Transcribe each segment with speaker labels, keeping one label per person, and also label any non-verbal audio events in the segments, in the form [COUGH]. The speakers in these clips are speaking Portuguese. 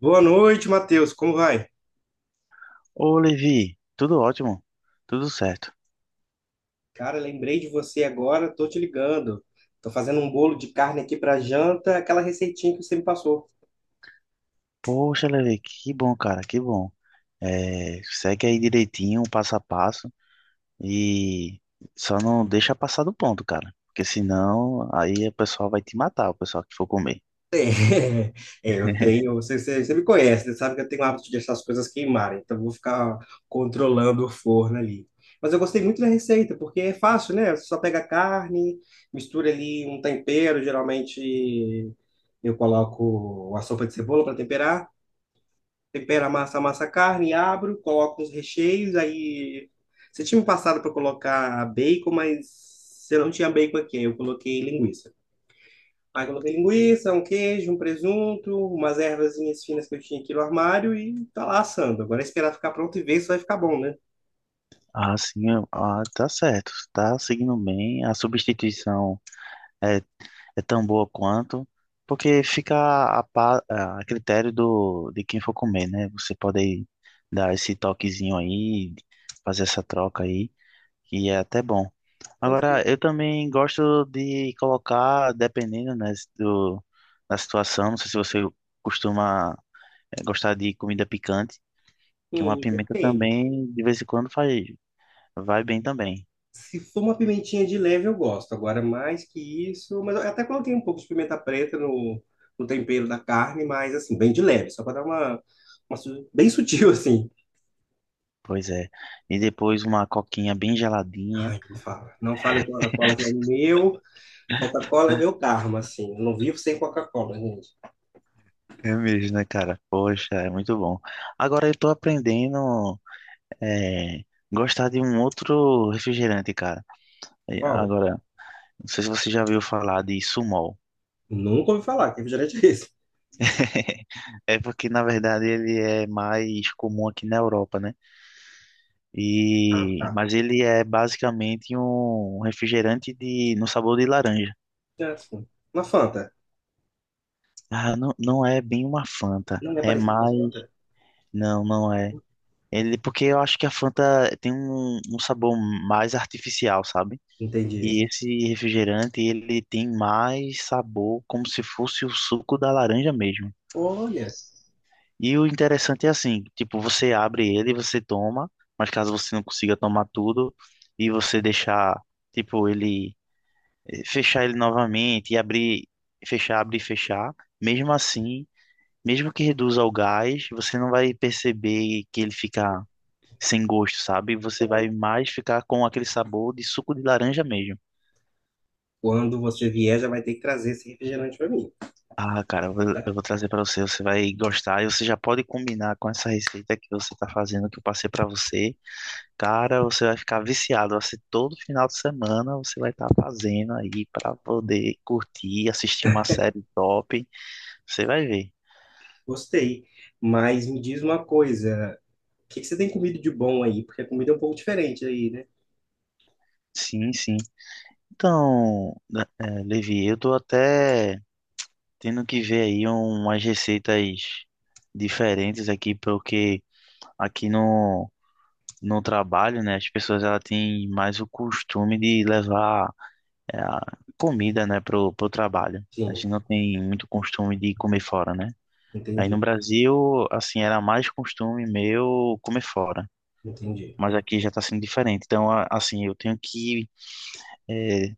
Speaker 1: Boa noite, Matheus. Como vai?
Speaker 2: Ô, Levi, tudo ótimo, tudo certo.
Speaker 1: Cara, lembrei de você agora, tô te ligando. Tô fazendo um bolo de carne aqui para janta, aquela receitinha que você me passou.
Speaker 2: Poxa, Levi, que bom, cara, que bom. É, segue aí direitinho, passo a passo, e só não deixa passar do ponto, cara, porque senão aí o pessoal vai te matar, o pessoal que for comer.
Speaker 1: É, [LAUGHS] é, eu tenho.
Speaker 2: [LAUGHS]
Speaker 1: Você me conhece, você sabe que eu tenho o hábito de deixar as coisas queimarem, então eu vou ficar controlando o forno ali. Mas eu gostei muito da receita, porque é fácil, né? Você só pega a carne, mistura ali um tempero, geralmente eu coloco a sopa de cebola para temperar. Tempero a massa, amassa a carne, abro, coloco os recheios, aí... Você tinha me passado para colocar bacon, mas eu não tinha bacon aqui, eu coloquei linguiça. Aí coloquei linguiça, um queijo, um presunto, umas ervazinhas finas que eu tinha aqui no armário e tá lá assando. Agora é esperar ficar pronto e ver se vai ficar bom, né?
Speaker 2: Ah, sim, ah, tá certo, tá seguindo bem. A substituição é tão boa quanto, porque fica a critério de quem for comer, né? Você pode dar esse toquezinho aí, fazer essa troca aí, que é até bom.
Speaker 1: Vai ser.
Speaker 2: Agora, eu também gosto de colocar, dependendo, né, do, da situação, não sei se você costuma gostar de comida picante, que uma pimenta
Speaker 1: Depende.
Speaker 2: também, de vez em quando, faz, vai bem também.
Speaker 1: Se for uma pimentinha de leve, eu gosto. Agora, mais que isso. Mas eu até coloquei um pouco de pimenta preta no tempero da carne, mas assim, bem de leve, só para dar uma, bem sutil, [LAUGHS] assim.
Speaker 2: Pois é. E depois uma coquinha bem geladinha.
Speaker 1: Ai, não fala. Não fala em Coca-Cola, que é meu. Coca-Cola é meu karma, assim. Eu não vivo sem Coca-Cola, gente.
Speaker 2: É mesmo, né, cara? Poxa, é muito bom. Agora eu tô aprendendo é, gostar de um outro refrigerante, cara. E
Speaker 1: Paulo,
Speaker 2: agora, não sei se você já ouviu falar de Sumol.
Speaker 1: nunca ouvi falar que é refrigerante é esse.
Speaker 2: [LAUGHS] É porque, na verdade, ele é mais comum aqui na Europa, né?
Speaker 1: Ah,
Speaker 2: E,
Speaker 1: tá.
Speaker 2: mas ele é basicamente um refrigerante de, no sabor de laranja.
Speaker 1: É assim. Uma Fanta.
Speaker 2: Ah, não, não é bem uma Fanta.
Speaker 1: Não é
Speaker 2: É
Speaker 1: parecido com a
Speaker 2: mais.
Speaker 1: Fanta.
Speaker 2: Não, não é. Ele, porque eu acho que a Fanta tem um sabor mais artificial, sabe?
Speaker 1: Entendi.
Speaker 2: E esse refrigerante, ele tem mais sabor, como se fosse o suco da laranja mesmo.
Speaker 1: Olha,
Speaker 2: E o interessante é assim, tipo, você abre ele, você toma, mas caso você não consiga tomar tudo e você deixar, tipo, ele fechar ele novamente e abrir, fechar, abrir e fechar, mesmo assim, mesmo que reduza o gás, você não vai perceber que ele fica sem gosto, sabe? Você vai
Speaker 1: olha.
Speaker 2: mais ficar com aquele sabor de suco de laranja mesmo.
Speaker 1: Quando você vier, já vai ter que trazer esse refrigerante para mim.
Speaker 2: Ah, cara, eu vou trazer pra você, você vai gostar e você já pode combinar com essa receita que você tá fazendo, que eu passei pra você. Cara, você vai ficar viciado, vai ser todo final de semana você vai estar fazendo aí pra poder curtir, assistir uma série top. Você vai ver.
Speaker 1: Gostei. Mas me diz uma coisa, o que que você tem comido de bom aí? Porque a comida é um pouco diferente aí, né?
Speaker 2: Sim, sim. Então, né, é, Levi, eu tô até tendo que ver aí umas receitas diferentes aqui, porque aqui no no trabalho, né, as pessoas ela têm mais o costume de levar a comida, né, pro trabalho. A gente
Speaker 1: Sim,
Speaker 2: não tem muito costume de comer fora, né? Aí no
Speaker 1: entendi,
Speaker 2: Brasil, assim, era mais costume meu comer fora,
Speaker 1: entendi.
Speaker 2: mas aqui já está sendo diferente. Então, assim, eu tenho que é,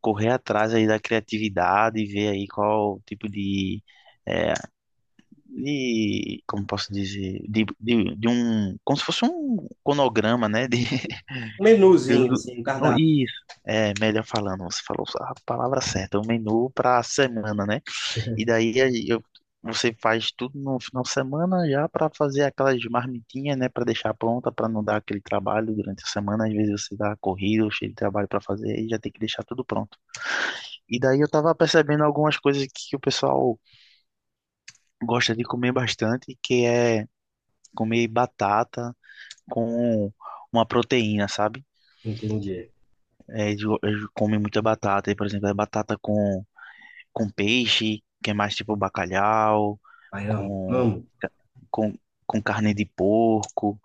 Speaker 2: correr atrás aí da criatividade e ver aí qual tipo de é, de, como posso dizer, de um, como se fosse um conograma, né, de,
Speaker 1: Um
Speaker 2: Deus
Speaker 1: menuzinho,
Speaker 2: do...
Speaker 1: assim, um
Speaker 2: Oh,
Speaker 1: cardápio.
Speaker 2: isso, é melhor falando, você falou a palavra certa, o menu para a semana, né? E daí aí, eu, você faz tudo no final de semana já para fazer aquelas marmitinhas, né? Para deixar pronta, para não dar aquele trabalho durante a semana. Às vezes você dá corrido, cheio de trabalho para fazer e já tem que deixar tudo pronto. E daí eu tava percebendo algumas coisas que o pessoal gosta de comer bastante, que é comer batata com uma proteína, sabe?
Speaker 1: Entendi.
Speaker 2: É, eles comem muita batata. E, por exemplo, é batata com peixe, que é mais tipo bacalhau,
Speaker 1: Ai, amo,
Speaker 2: com,
Speaker 1: amo.
Speaker 2: ca- com, com carne de porco.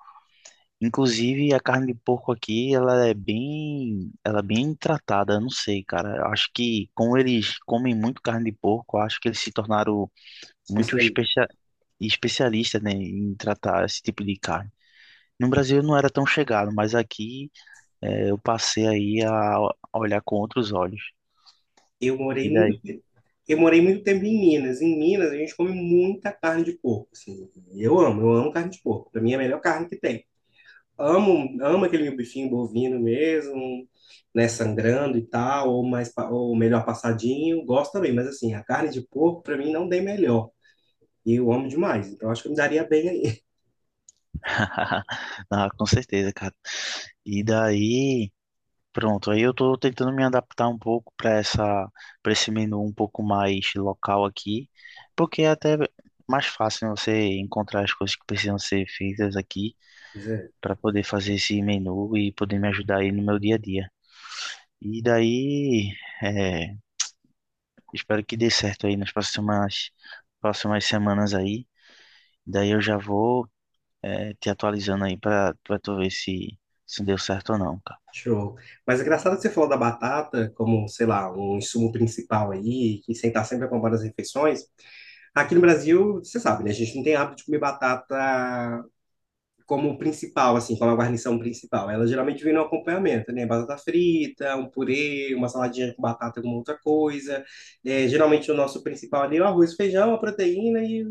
Speaker 2: Inclusive, a carne de porco aqui, ela é bem tratada. Eu não sei, cara. Eu acho que, como eles comem muito carne de porco, eu acho que eles se tornaram muito
Speaker 1: Especialista.
Speaker 2: especia especialistas, né, em tratar esse tipo de carne. No Brasil eu não era tão chegado, mas aqui eu passei aí a olhar com outros olhos.
Speaker 1: Eu morei
Speaker 2: E
Speaker 1: muito,
Speaker 2: daí
Speaker 1: te- eu morei muito tempo em Minas. Em Minas, a gente come muita carne de porco, assim. Eu amo carne de porco. Pra mim é a melhor carne que tem. Amo, amo aquele bifinho bovino mesmo, né, sangrando e tal, ou melhor passadinho, gosto também, mas assim, a carne de porco para mim não tem melhor. E eu amo demais, então acho que eu me daria bem aí.
Speaker 2: [LAUGHS] ah, com certeza, cara. E daí, pronto, aí eu tô tentando me adaptar um pouco para esse menu um pouco mais local aqui, porque é até mais fácil né, você encontrar as coisas que precisam ser feitas aqui
Speaker 1: [LAUGHS] Mas é,
Speaker 2: para poder fazer esse menu e poder me ajudar aí no meu dia a dia. E daí, é, espero que dê certo aí nas próximas, próximas semanas aí. Daí eu já vou, é, te atualizando aí para tu ver se, se deu certo ou não.
Speaker 1: show. Mas é engraçado que você falou da batata como, sei lá, um insumo principal aí, que sentar estar sempre acompanhando as refeições. Aqui no Brasil, você sabe, né, a gente não tem hábito de comer batata como principal, assim, como a guarnição principal. Ela geralmente vem no acompanhamento, né? Batata frita, um purê, uma saladinha com batata, alguma outra coisa. É, geralmente o nosso principal ali é o arroz, feijão, a proteína e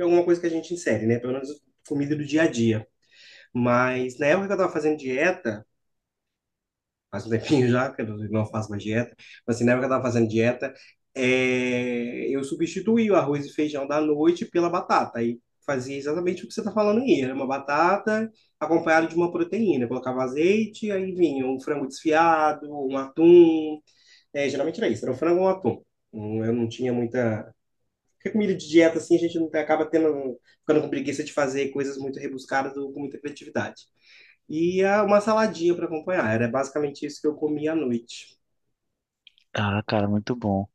Speaker 1: alguma coisa que a gente insere, né? Pelo menos comida do dia a dia. Mas na época que eu estava fazendo dieta, faz um tempinho já que eu não faço mais dieta, mas assim, na época que eu estava fazendo dieta, eu substituí o arroz e feijão da noite pela batata, e fazia exatamente o que você está falando aí, era uma batata acompanhada de uma proteína, colocava azeite, aí vinha um frango desfiado, um atum, é, geralmente era isso, era um frango ou um atum. Eu não tinha muita... Porque comida de dieta, assim, a gente não acaba tendo, ficando com preguiça de fazer coisas muito rebuscadas ou com muita criatividade. E ah, uma saladinha para acompanhar. Era basicamente isso que eu comia à noite.
Speaker 2: Ah, cara, muito bom.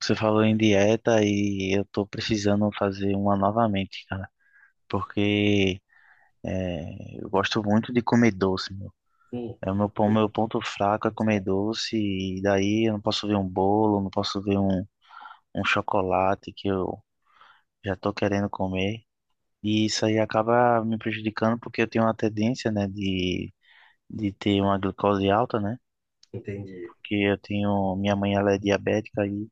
Speaker 2: Você falou em dieta e eu tô precisando fazer uma novamente, cara, porque é, eu gosto muito de comer doce, meu.
Speaker 1: Hum,
Speaker 2: É o meu ponto fraco é comer doce e daí eu não posso ver um bolo, não posso ver um chocolate que eu já tô querendo comer. E isso aí acaba me prejudicando porque eu tenho uma tendência, né, de ter uma glicose alta, né?
Speaker 1: entendi.
Speaker 2: Porque eu tenho, minha mãe ela é diabética e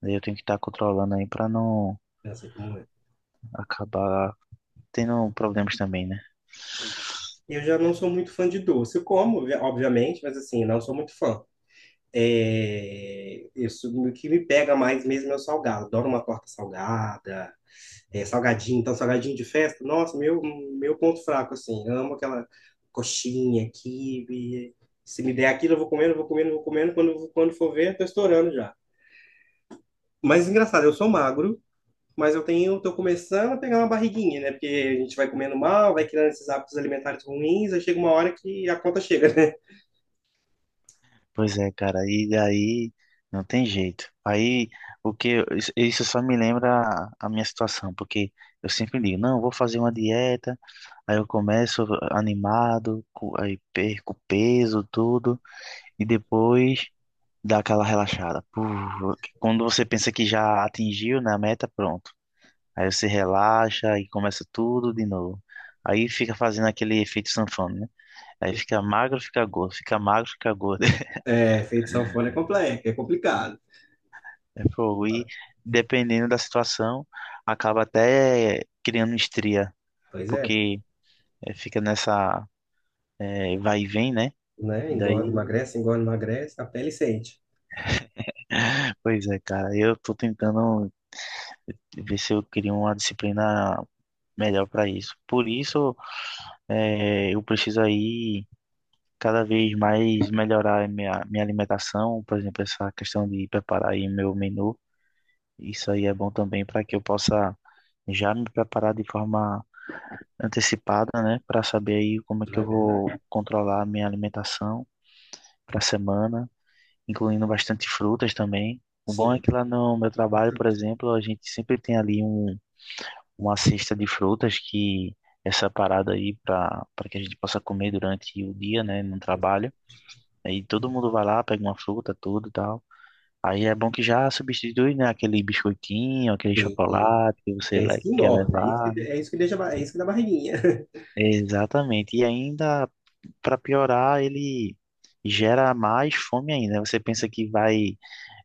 Speaker 2: daí eu tenho que estar controlando aí para não
Speaker 1: Já sei como é.
Speaker 2: acabar tendo problemas também, né?
Speaker 1: Eu já não sou muito fã de doce. Eu como, obviamente, mas assim, não sou muito fã. É, isso, o que me pega mais mesmo é o salgado. Adoro uma torta salgada, é, salgadinho, então salgadinho de festa. Nossa, meu ponto fraco, assim. Amo aquela coxinha, quibe. Se me der aquilo, eu vou comendo, eu vou comendo, eu vou comendo. Quando for ver, eu tô estourando já. Mas engraçado, eu sou magro. Mas eu tenho, tô começando a pegar uma barriguinha, né? Porque a gente vai comendo mal, vai criando esses hábitos alimentares ruins, aí chega uma hora que a conta chega, né?
Speaker 2: Pois é, cara, e daí não tem jeito. Aí o que isso só me lembra a minha situação, porque eu sempre digo, não, eu vou fazer uma dieta, aí eu começo animado, aí perco peso, tudo, e depois dá aquela relaxada. Puf, quando você pensa que já atingiu, né, a meta, pronto. Aí você relaxa e começa tudo de novo. Aí fica fazendo aquele efeito sanfona, né? Aí fica magro, fica gordo, fica magro, fica gordo.
Speaker 1: É, feito sanfona
Speaker 2: [LAUGHS]
Speaker 1: é complexo, é complicado.
Speaker 2: É fogo. E dependendo da situação, acaba até criando estria,
Speaker 1: Pois é,
Speaker 2: porque fica nessa vai e vem, né?
Speaker 1: né?
Speaker 2: Daí,
Speaker 1: Engorda, emagrece, a pele sente,
Speaker 2: [LAUGHS] pois é, cara, eu tô tentando ver se eu crio uma disciplina melhor para isso. Por isso, eu preciso aí cada vez mais melhorar a minha alimentação, por exemplo, essa questão de preparar aí meu menu. Isso aí é bom também para que eu possa já me preparar de forma antecipada, né, para saber aí como é
Speaker 1: não
Speaker 2: que eu
Speaker 1: é verdade?
Speaker 2: vou controlar a minha alimentação para a semana, incluindo bastante frutas também. O bom é
Speaker 1: Sim.
Speaker 2: que lá no meu trabalho, por exemplo, a gente sempre tem ali um, uma cesta de frutas que é separada aí para que a gente possa comer durante o dia, né, no trabalho. Aí todo mundo vai lá, pega uma fruta, tudo e tal. Aí é bom que já substitui, né, aquele biscoitinho, aquele
Speaker 1: Sim.
Speaker 2: chocolate que
Speaker 1: Que
Speaker 2: você
Speaker 1: é isso que
Speaker 2: quer
Speaker 1: engorda,
Speaker 2: levar.
Speaker 1: é isso que deixa, é isso que dá barriguinha. [LAUGHS]
Speaker 2: Exatamente. E ainda, para piorar, ele gera mais fome ainda. Você pensa que vai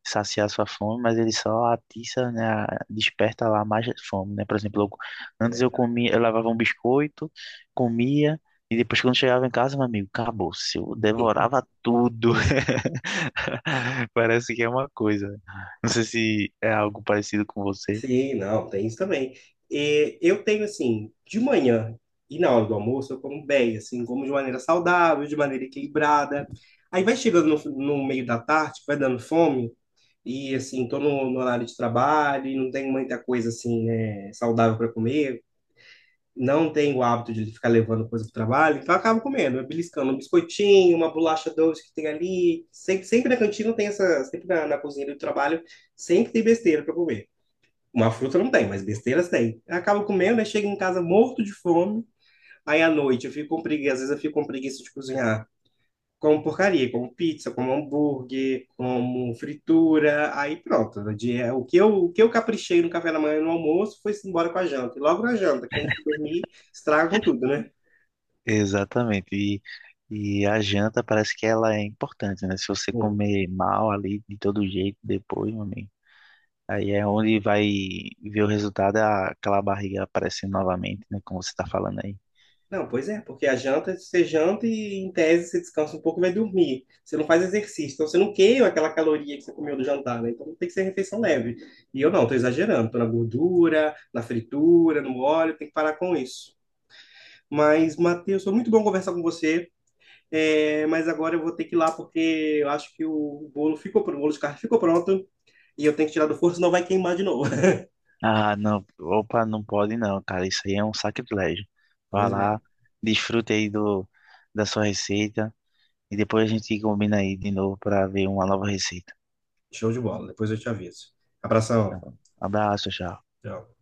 Speaker 2: saciar sua fome, mas ele só atiça, né, desperta lá mais fome, né? Por exemplo,
Speaker 1: É
Speaker 2: antes eu
Speaker 1: verdade.
Speaker 2: comia, eu levava um biscoito, comia, e depois quando chegava em casa, meu amigo, acabou-se. Eu devorava tudo. [LAUGHS] [LAUGHS] Parece que é uma coisa. Né? Não sei se é algo parecido com você.
Speaker 1: Sim, não, tem isso também. E eu tenho, assim, de manhã e na hora do almoço, eu como bem, assim, como de maneira saudável, de maneira equilibrada. Aí vai chegando no meio da tarde, vai dando fome, e, assim, tô no horário de trabalho, e não tenho muita coisa, assim, né, saudável para comer, não tenho o hábito de ficar levando coisa para o trabalho, então eu acabo comendo, beliscando um biscoitinho, uma bolacha doce que tem ali. Sempre na cantina tem essa, sempre na cozinha do trabalho, sempre tem besteira para comer. Uma fruta não tem, mas besteiras tem. Eu acabo comendo, aí chego em casa morto de fome. Aí à noite eu fico com preguiça, às vezes eu fico com preguiça de cozinhar. Como porcaria, como pizza, como hambúrguer, como fritura. Aí pronto. O que eu caprichei no café da manhã e no almoço foi embora com a janta. E logo na janta, que antes de dormir, estraga com tudo, né?
Speaker 2: Exatamente. E a janta parece que ela é importante, né? Se você comer mal ali de todo jeito depois, meu amigo, aí é onde vai ver o resultado, aquela barriga aparecendo novamente, né? Como você tá falando aí.
Speaker 1: Não, pois é, porque a janta, você janta e em tese você descansa um pouco e vai dormir. Você não faz exercício, então você não queima aquela caloria que você comeu do jantar, né? Então tem que ser refeição leve. E eu não, tô exagerando, tô na gordura, na fritura, no óleo, tem que parar com isso. Mas, Matheus, foi muito bom conversar com você, é, mas agora eu vou ter que ir lá porque eu acho que o bolo ficou pronto, o bolo de carne ficou pronto e eu tenho que tirar do forno, senão vai queimar de novo. [LAUGHS]
Speaker 2: Ah, não, opa, não pode não, cara. Isso aí é um sacrilégio. Vai
Speaker 1: Pois é,
Speaker 2: lá, desfrute aí do, da sua receita e depois a gente combina aí de novo para ver uma nova receita.
Speaker 1: show de bola, depois eu te aviso. Abração,
Speaker 2: Tá. Abraço, tchau.
Speaker 1: tchau.